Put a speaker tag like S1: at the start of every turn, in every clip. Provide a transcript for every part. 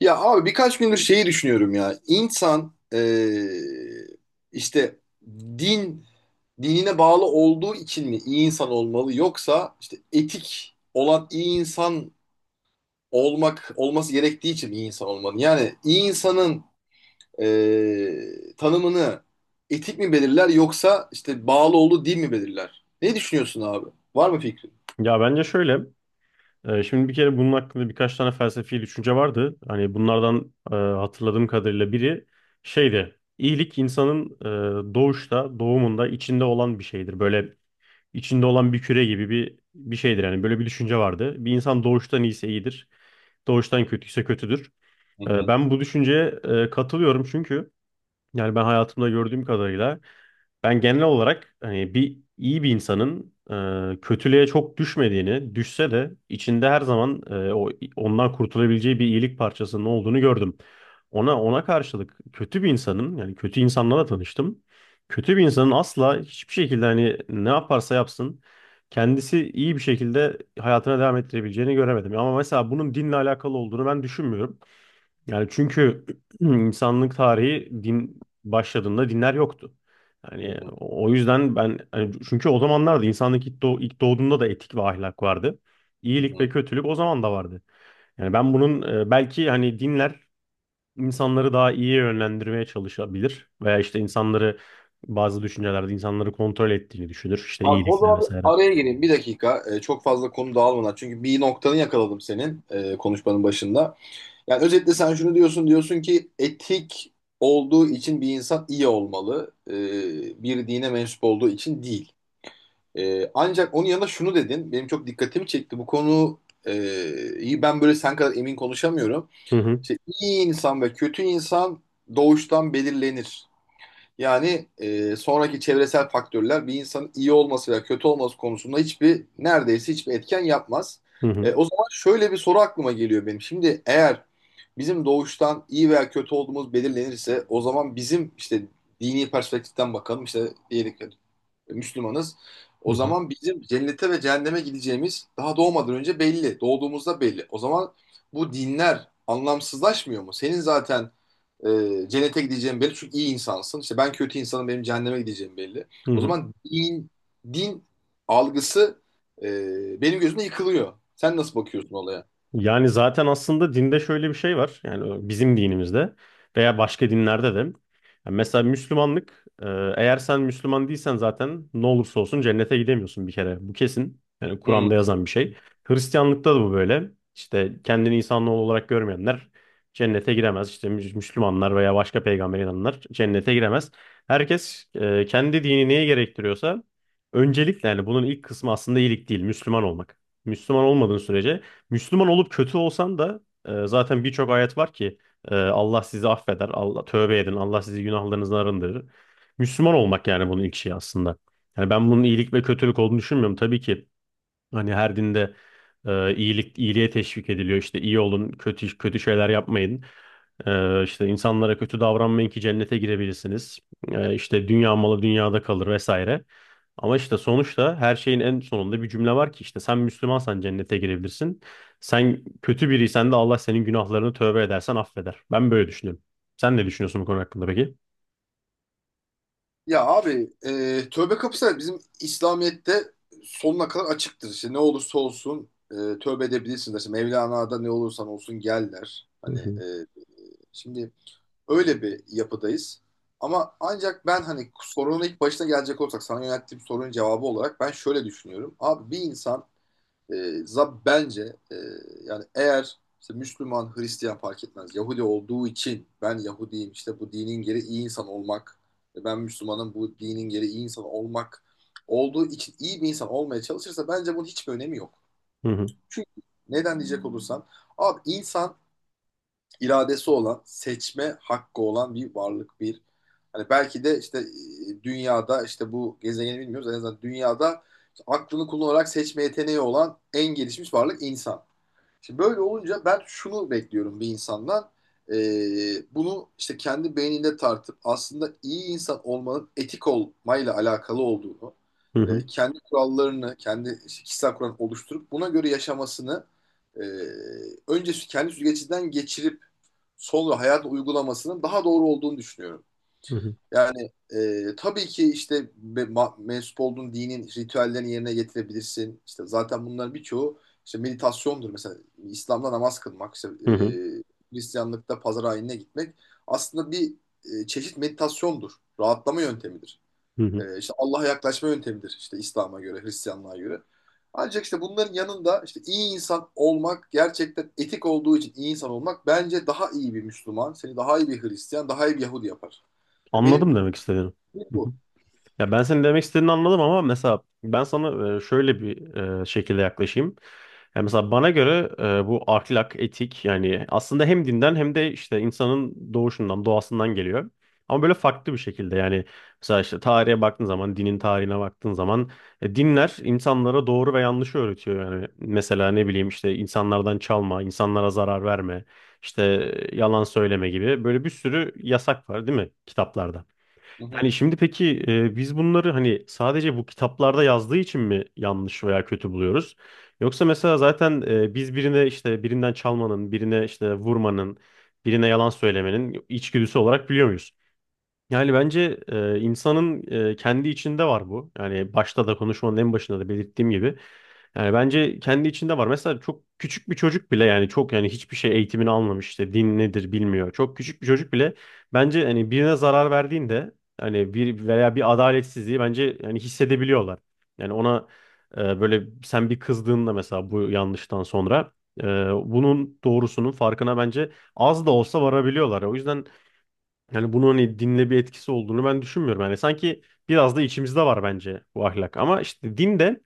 S1: Ya abi birkaç gündür şeyi düşünüyorum ya. İnsan işte din dinine bağlı olduğu için mi iyi insan olmalı yoksa işte etik olan iyi insan olması gerektiği için mi iyi insan olmalı? Yani iyi insanın tanımını etik mi belirler yoksa işte bağlı olduğu din mi belirler? Ne düşünüyorsun abi? Var mı fikrin?
S2: Ya bence şöyle. Şimdi bir kere bunun hakkında birkaç tane felsefi düşünce vardı. Hani bunlardan hatırladığım kadarıyla biri şeydi. İyilik insanın doğumunda içinde olan bir şeydir. Böyle içinde olan bir küre gibi bir şeydir. Yani böyle bir düşünce vardı. Bir insan doğuştan iyiyse iyidir. Doğuştan kötüyse kötüdür.
S1: Hı hı,
S2: Ben bu düşünceye katılıyorum çünkü yani ben hayatımda gördüğüm kadarıyla ben genel olarak hani iyi bir insanın kötülüğe çok düşmediğini, düşse de içinde her zaman e, o ondan kurtulabileceği bir iyilik parçasının olduğunu gördüm. Ona karşılık kötü bir insanın yani kötü insanlarla tanıştım. Kötü bir insanın asla hiçbir şekilde hani ne yaparsa yapsın kendisi iyi bir şekilde hayatına devam ettirebileceğini göremedim. Ama mesela bunun dinle alakalı olduğunu ben düşünmüyorum. Yani çünkü insanlık tarihi din başladığında dinler yoktu.
S1: hı
S2: Yani
S1: hı,
S2: o yüzden ben hani çünkü o zamanlarda insanlık ilk doğduğunda da etik ve ahlak vardı.
S1: hı
S2: İyilik ve
S1: hı.
S2: kötülük o zaman da vardı. Yani ben bunun belki hani dinler insanları daha iyi yönlendirmeye çalışabilir veya işte insanları bazı düşüncelerde insanları kontrol ettiğini düşünür. İşte
S1: Abi o
S2: iyilikle
S1: zaman bir
S2: vesaire.
S1: araya gireyim bir dakika. Çok fazla konu dağılmadan. Çünkü bir noktanı yakaladım senin konuşmanın başında. Yani özetle sen şunu diyorsun. Diyorsun ki etik olduğu için bir insan iyi olmalı. Bir dine mensup olduğu için değil. Ancak onun yanında şunu dedin. Benim çok dikkatimi çekti. Bu konu e, iyi ben böyle sen kadar emin konuşamıyorum.
S2: Hı hı,
S1: İşte iyi insan ve kötü insan doğuştan belirlenir. Yani sonraki çevresel faktörler bir insanın iyi olması veya kötü olması konusunda hiçbir neredeyse hiçbir etken yapmaz.
S2: hı hı,
S1: O zaman şöyle bir soru aklıma geliyor benim. Şimdi eğer bizim doğuştan iyi veya kötü olduğumuz belirlenirse o zaman bizim işte dini perspektiften bakalım işte diyelim ki Müslümanız.
S2: hı
S1: O
S2: hı.
S1: zaman bizim cennete ve cehenneme gideceğimiz daha doğmadan önce belli. Doğduğumuzda belli. O zaman bu dinler anlamsızlaşmıyor mu? Senin zaten cennete gideceğim belli çünkü iyi insansın. İşte ben kötü insanım benim cehenneme gideceğim belli.
S2: Hı
S1: O
S2: hı.
S1: zaman din algısı benim gözümde yıkılıyor. Sen nasıl bakıyorsun olaya?
S2: Yani zaten aslında dinde şöyle bir şey var. Yani bizim dinimizde veya başka dinlerde de. Yani mesela Müslümanlık, eğer sen Müslüman değilsen zaten ne olursa olsun cennete gidemiyorsun bir kere. Bu kesin. Yani Kur'an'da
S1: Hmm.
S2: yazan bir şey. Hristiyanlıkta da bu böyle. İşte kendini insanoğlu olarak görmeyenler cennete giremez. İşte Müslümanlar veya başka peygamber inananlar cennete giremez. Herkes kendi dini neye gerektiriyorsa öncelikle yani bunun ilk kısmı aslında iyilik değil, Müslüman olmak. Müslüman olmadığın sürece Müslüman olup kötü olsan da zaten birçok ayet var ki Allah sizi affeder, Allah tövbe edin, Allah sizi günahlarınızdan arındırır. Müslüman olmak yani bunun ilk şeyi aslında. Yani ben bunun iyilik ve kötülük olduğunu düşünmüyorum. Tabii ki hani her dinde iyiliğe teşvik ediliyor. İşte iyi olun, kötü kötü şeyler yapmayın. İşte insanlara kötü davranmayın ki cennete girebilirsiniz. İşte dünya malı dünyada kalır vesaire. Ama işte sonuçta her şeyin en sonunda bir cümle var ki işte sen Müslümansan cennete girebilirsin. Sen kötü biriysen de Allah senin günahlarını tövbe edersen affeder. Ben böyle düşünüyorum. Sen ne düşünüyorsun bu konu hakkında peki?
S1: Ya abi tövbe kapısı bizim İslamiyet'te sonuna kadar açıktır. İşte ne olursa olsun tövbe edebilirsiniz. İşte Mevlana'da ne olursan olsun gel der.
S2: Hı
S1: Hani
S2: hı,
S1: e, şimdi Öyle bir yapıdayız. Ama ancak ben hani sorunun ilk başına gelecek olsak sana yönelttiğim sorunun cevabı olarak ben şöyle düşünüyorum. Abi bir insan e, za- bence e, yani eğer işte Müslüman, Hristiyan fark etmez. Yahudi olduğu için ben Yahudiyim işte bu dinin gereği iyi insan olmak ve ben Müslümanım bu dinin gereği iyi insan olmak olduğu için iyi bir insan olmaya çalışırsa bence bunun hiçbir önemi yok.
S2: hı hı,
S1: Çünkü neden diyecek olursan abi insan iradesi olan, seçme hakkı olan bir varlık bir. Hani belki de işte dünyada işte bu gezegeni bilmiyoruz en azından dünyada işte aklını kullanarak seçme yeteneği olan en gelişmiş varlık insan. Şimdi böyle olunca ben şunu bekliyorum bir insandan. E, Bunu işte kendi beyninde tartıp aslında iyi insan olmanın etik olmayla alakalı olduğunu,
S2: hı hı,
S1: kendi kurallarını, kendi işte kişisel kuralını oluşturup buna göre yaşamasını e, önce kendi süzgecinden geçirip sol ve hayat uygulamasının daha doğru olduğunu düşünüyorum.
S2: hı hı,
S1: Yani tabii ki işte mensup olduğun dinin ritüellerini yerine getirebilirsin. İşte zaten bunların birçoğu işte meditasyondur mesela. İslam'da namaz kılmak, işte,
S2: hı hı,
S1: Hristiyanlıkta pazar ayinine gitmek aslında bir çeşit meditasyondur. Rahatlama yöntemidir.
S2: hı hı.
S1: İşte Allah'a yaklaşma yöntemidir işte İslam'a göre, Hristiyanlığa göre. Ancak işte bunların yanında işte iyi insan olmak gerçekten etik olduğu için iyi insan olmak bence daha iyi bir Müslüman, seni daha iyi bir Hristiyan, daha iyi bir Yahudi yapar. Ya benim
S2: Anladım demek istediğini.
S1: şey
S2: Hı hı.
S1: bu.
S2: Ya ben senin demek istediğini anladım ama mesela ben sana şöyle bir şekilde yaklaşayım. Yani mesela bana göre bu ahlak, etik yani aslında hem dinden hem de işte insanın doğuşundan, doğasından geliyor. Ama böyle farklı bir şekilde yani mesela işte tarihe baktığın zaman, dinin tarihine baktığın zaman dinler insanlara doğru ve yanlışı öğretiyor. Yani mesela ne bileyim işte insanlardan çalma, insanlara zarar verme, işte yalan söyleme gibi böyle bir sürü yasak var değil mi kitaplarda?
S1: Hı hı.
S2: Yani şimdi peki biz bunları hani sadece bu kitaplarda yazdığı için mi yanlış veya kötü buluyoruz? Yoksa mesela zaten biz birine işte birinden çalmanın, birine işte vurmanın, birine yalan söylemenin içgüdüsü olarak biliyor yani bence insanın kendi içinde var bu. Yani başta da konuşmanın en başında da belirttiğim gibi. Yani bence kendi içinde var. Mesela çok küçük bir çocuk bile yani çok yani hiçbir şey eğitimini almamış işte din nedir bilmiyor. Çok küçük bir çocuk bile bence hani birine zarar verdiğinde hani bir adaletsizliği bence yani hissedebiliyorlar. Yani ona böyle sen bir kızdığında mesela bu yanlıştan sonra e, bunun doğrusunun farkına bence az da olsa varabiliyorlar. O yüzden yani bunun hani dinle bir etkisi olduğunu ben düşünmüyorum. Yani sanki biraz da içimizde var bence bu ahlak. Ama işte din de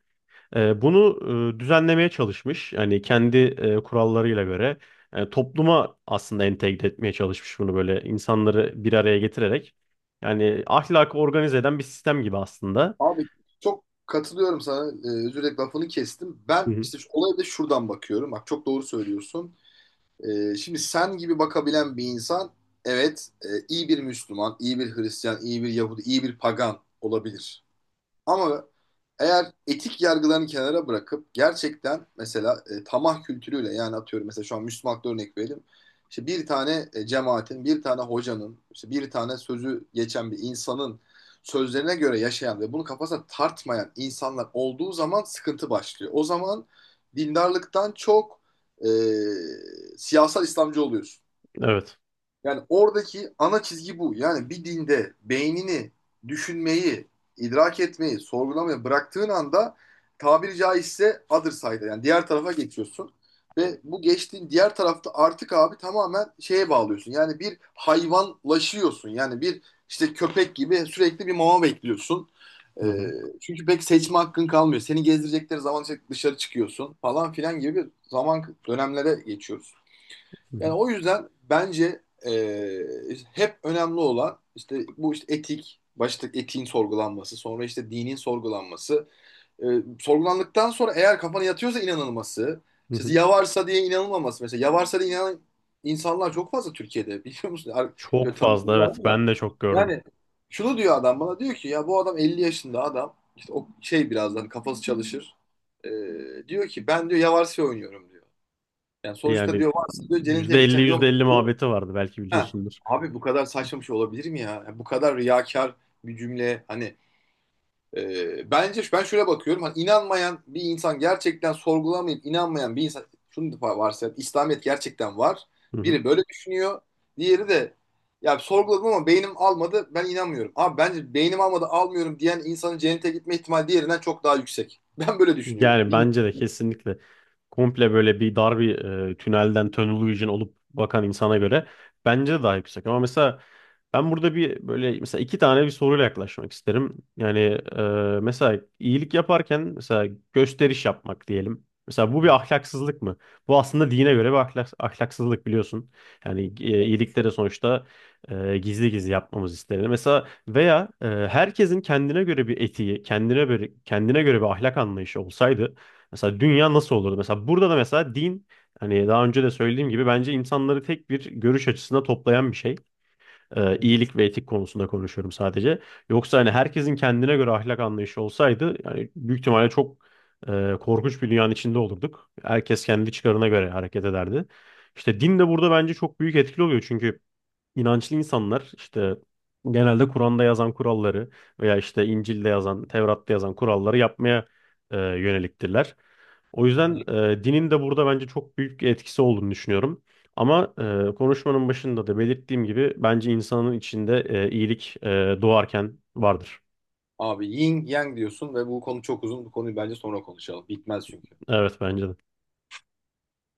S2: bunu düzenlemeye çalışmış. Yani kendi kurallarıyla göre topluma aslında entegre etmeye çalışmış bunu böyle insanları bir araya getirerek. Yani ahlakı organize eden bir sistem gibi aslında.
S1: Abi çok katılıyorum sana. Özür dilerim lafını kestim.
S2: Hı
S1: Ben
S2: hı.
S1: işte şu olaya da şuradan bakıyorum. Bak çok doğru söylüyorsun. Şimdi sen gibi bakabilen bir insan evet iyi bir Müslüman, iyi bir Hristiyan, iyi bir Yahudi, iyi bir pagan olabilir. Ama eğer etik yargılarını kenara bırakıp gerçekten mesela tamah kültürüyle yani atıyorum mesela şu an Müslümanlıkta örnek verelim. İşte bir tane cemaatin, bir tane hocanın, işte bir tane sözü geçen bir insanın sözlerine göre yaşayan ve bunu kafasına tartmayan insanlar olduğu zaman sıkıntı başlıyor. O zaman dindarlıktan çok e, siyasal İslamcı oluyorsun.
S2: Evet.
S1: Yani oradaki ana çizgi bu. Yani bir dinde beynini düşünmeyi, idrak etmeyi, sorgulamayı bıraktığın anda tabiri caizse other side'a yani diğer tarafa geçiyorsun. Ve bu geçtiğin diğer tarafta artık abi tamamen şeye bağlıyorsun. Yani bir hayvanlaşıyorsun. Yani bir işte köpek gibi sürekli bir mama bekliyorsun.
S2: Hı
S1: Ee,
S2: hı.
S1: Çünkü pek seçme hakkın kalmıyor. Seni gezdirecekleri zaman işte dışarı çıkıyorsun falan filan gibi bir zaman dönemlere geçiyoruz.
S2: Hı hı.
S1: Yani o yüzden bence e, hep önemli olan işte bu işte etik, başta etiğin sorgulanması, sonra işte dinin sorgulanması, e, sorgulandıktan sonra eğer kafana yatıyorsa inanılması,
S2: Hı
S1: işte
S2: hı.
S1: yavarsa diye inanılmaması mesela yavarsa diye inanan insanlar çok fazla Türkiye'de biliyor musun? Ar-
S2: Çok
S1: Şöyle
S2: fazla
S1: tanıdığım var
S2: evet,
S1: mı da
S2: ben de çok gördüm.
S1: yani şunu diyor adam bana diyor ki ya bu adam 50 yaşında adam işte o şey birazdan kafası çalışır. E, Diyor ki ben diyor yavarsa oynuyorum diyor. Yani sonuçta
S2: Yani
S1: diyor varsa diyor cennete
S2: yüzde elli
S1: gideceğim
S2: yüzde
S1: yok
S2: elli
S1: diyor
S2: muhabbeti vardı, belki
S1: Ha,
S2: biliyorsundur.
S1: abi bu kadar saçma bir şey olabilir mi ya? Ya bu kadar riyakar bir cümle hani bence ben şöyle bakıyorum hani inanmayan bir insan gerçekten sorgulamayıp inanmayan bir insan şunu da varsayalım İslamiyet gerçekten var.
S2: Hı hı.
S1: Biri böyle düşünüyor. Diğeri de ya sorguladım ama beynim almadı ben inanmıyorum. Abi bence beynim almadı almıyorum diyen insanın cennete gitme ihtimali diğerinden çok daha yüksek. Ben böyle düşünüyorum.
S2: Yani
S1: Bilmiyorum.
S2: bence de kesinlikle komple böyle bir dar bir tünelden tunnel vision olup bakan insana göre bence de daha yüksek. Ama mesela ben burada bir böyle mesela iki tane soruyla yaklaşmak isterim. Yani e, mesela iyilik yaparken mesela gösteriş yapmak diyelim. Mesela bu bir
S1: Hı
S2: ahlaksızlık mı? Bu aslında dine göre bir ahlak, ahlaksızlık biliyorsun. Yani iyilikleri sonuçta gizli gizli yapmamız istenir. Mesela veya herkesin kendine göre bir etiği, kendine göre bir ahlak anlayışı olsaydı mesela dünya nasıl olurdu? Mesela burada da mesela din hani daha önce de söylediğim gibi bence insanları tek bir görüş açısına toplayan bir şey.
S1: hı,
S2: İyilik ve etik konusunda konuşuyorum sadece. Yoksa hani herkesin kendine göre ahlak anlayışı olsaydı yani büyük ihtimalle çok korkunç bir dünyanın içinde olurduk. Herkes kendi çıkarına göre hareket ederdi. İşte din de burada bence çok büyük etkili oluyor, çünkü İnançlı insanlar işte genelde Kur'an'da yazan kuralları veya işte İncil'de yazan, Tevrat'ta yazan kuralları yapmaya yöneliktirler. O
S1: hı
S2: yüzden
S1: hı.
S2: dinin de burada bence çok büyük bir etkisi olduğunu düşünüyorum. Ama konuşmanın başında da belirttiğim gibi bence insanın içinde iyilik doğarken vardır.
S1: Abi yin yang diyorsun ve bu konu çok uzun. Bu konuyu bence sonra konuşalım. Bitmez çünkü.
S2: Evet bence de.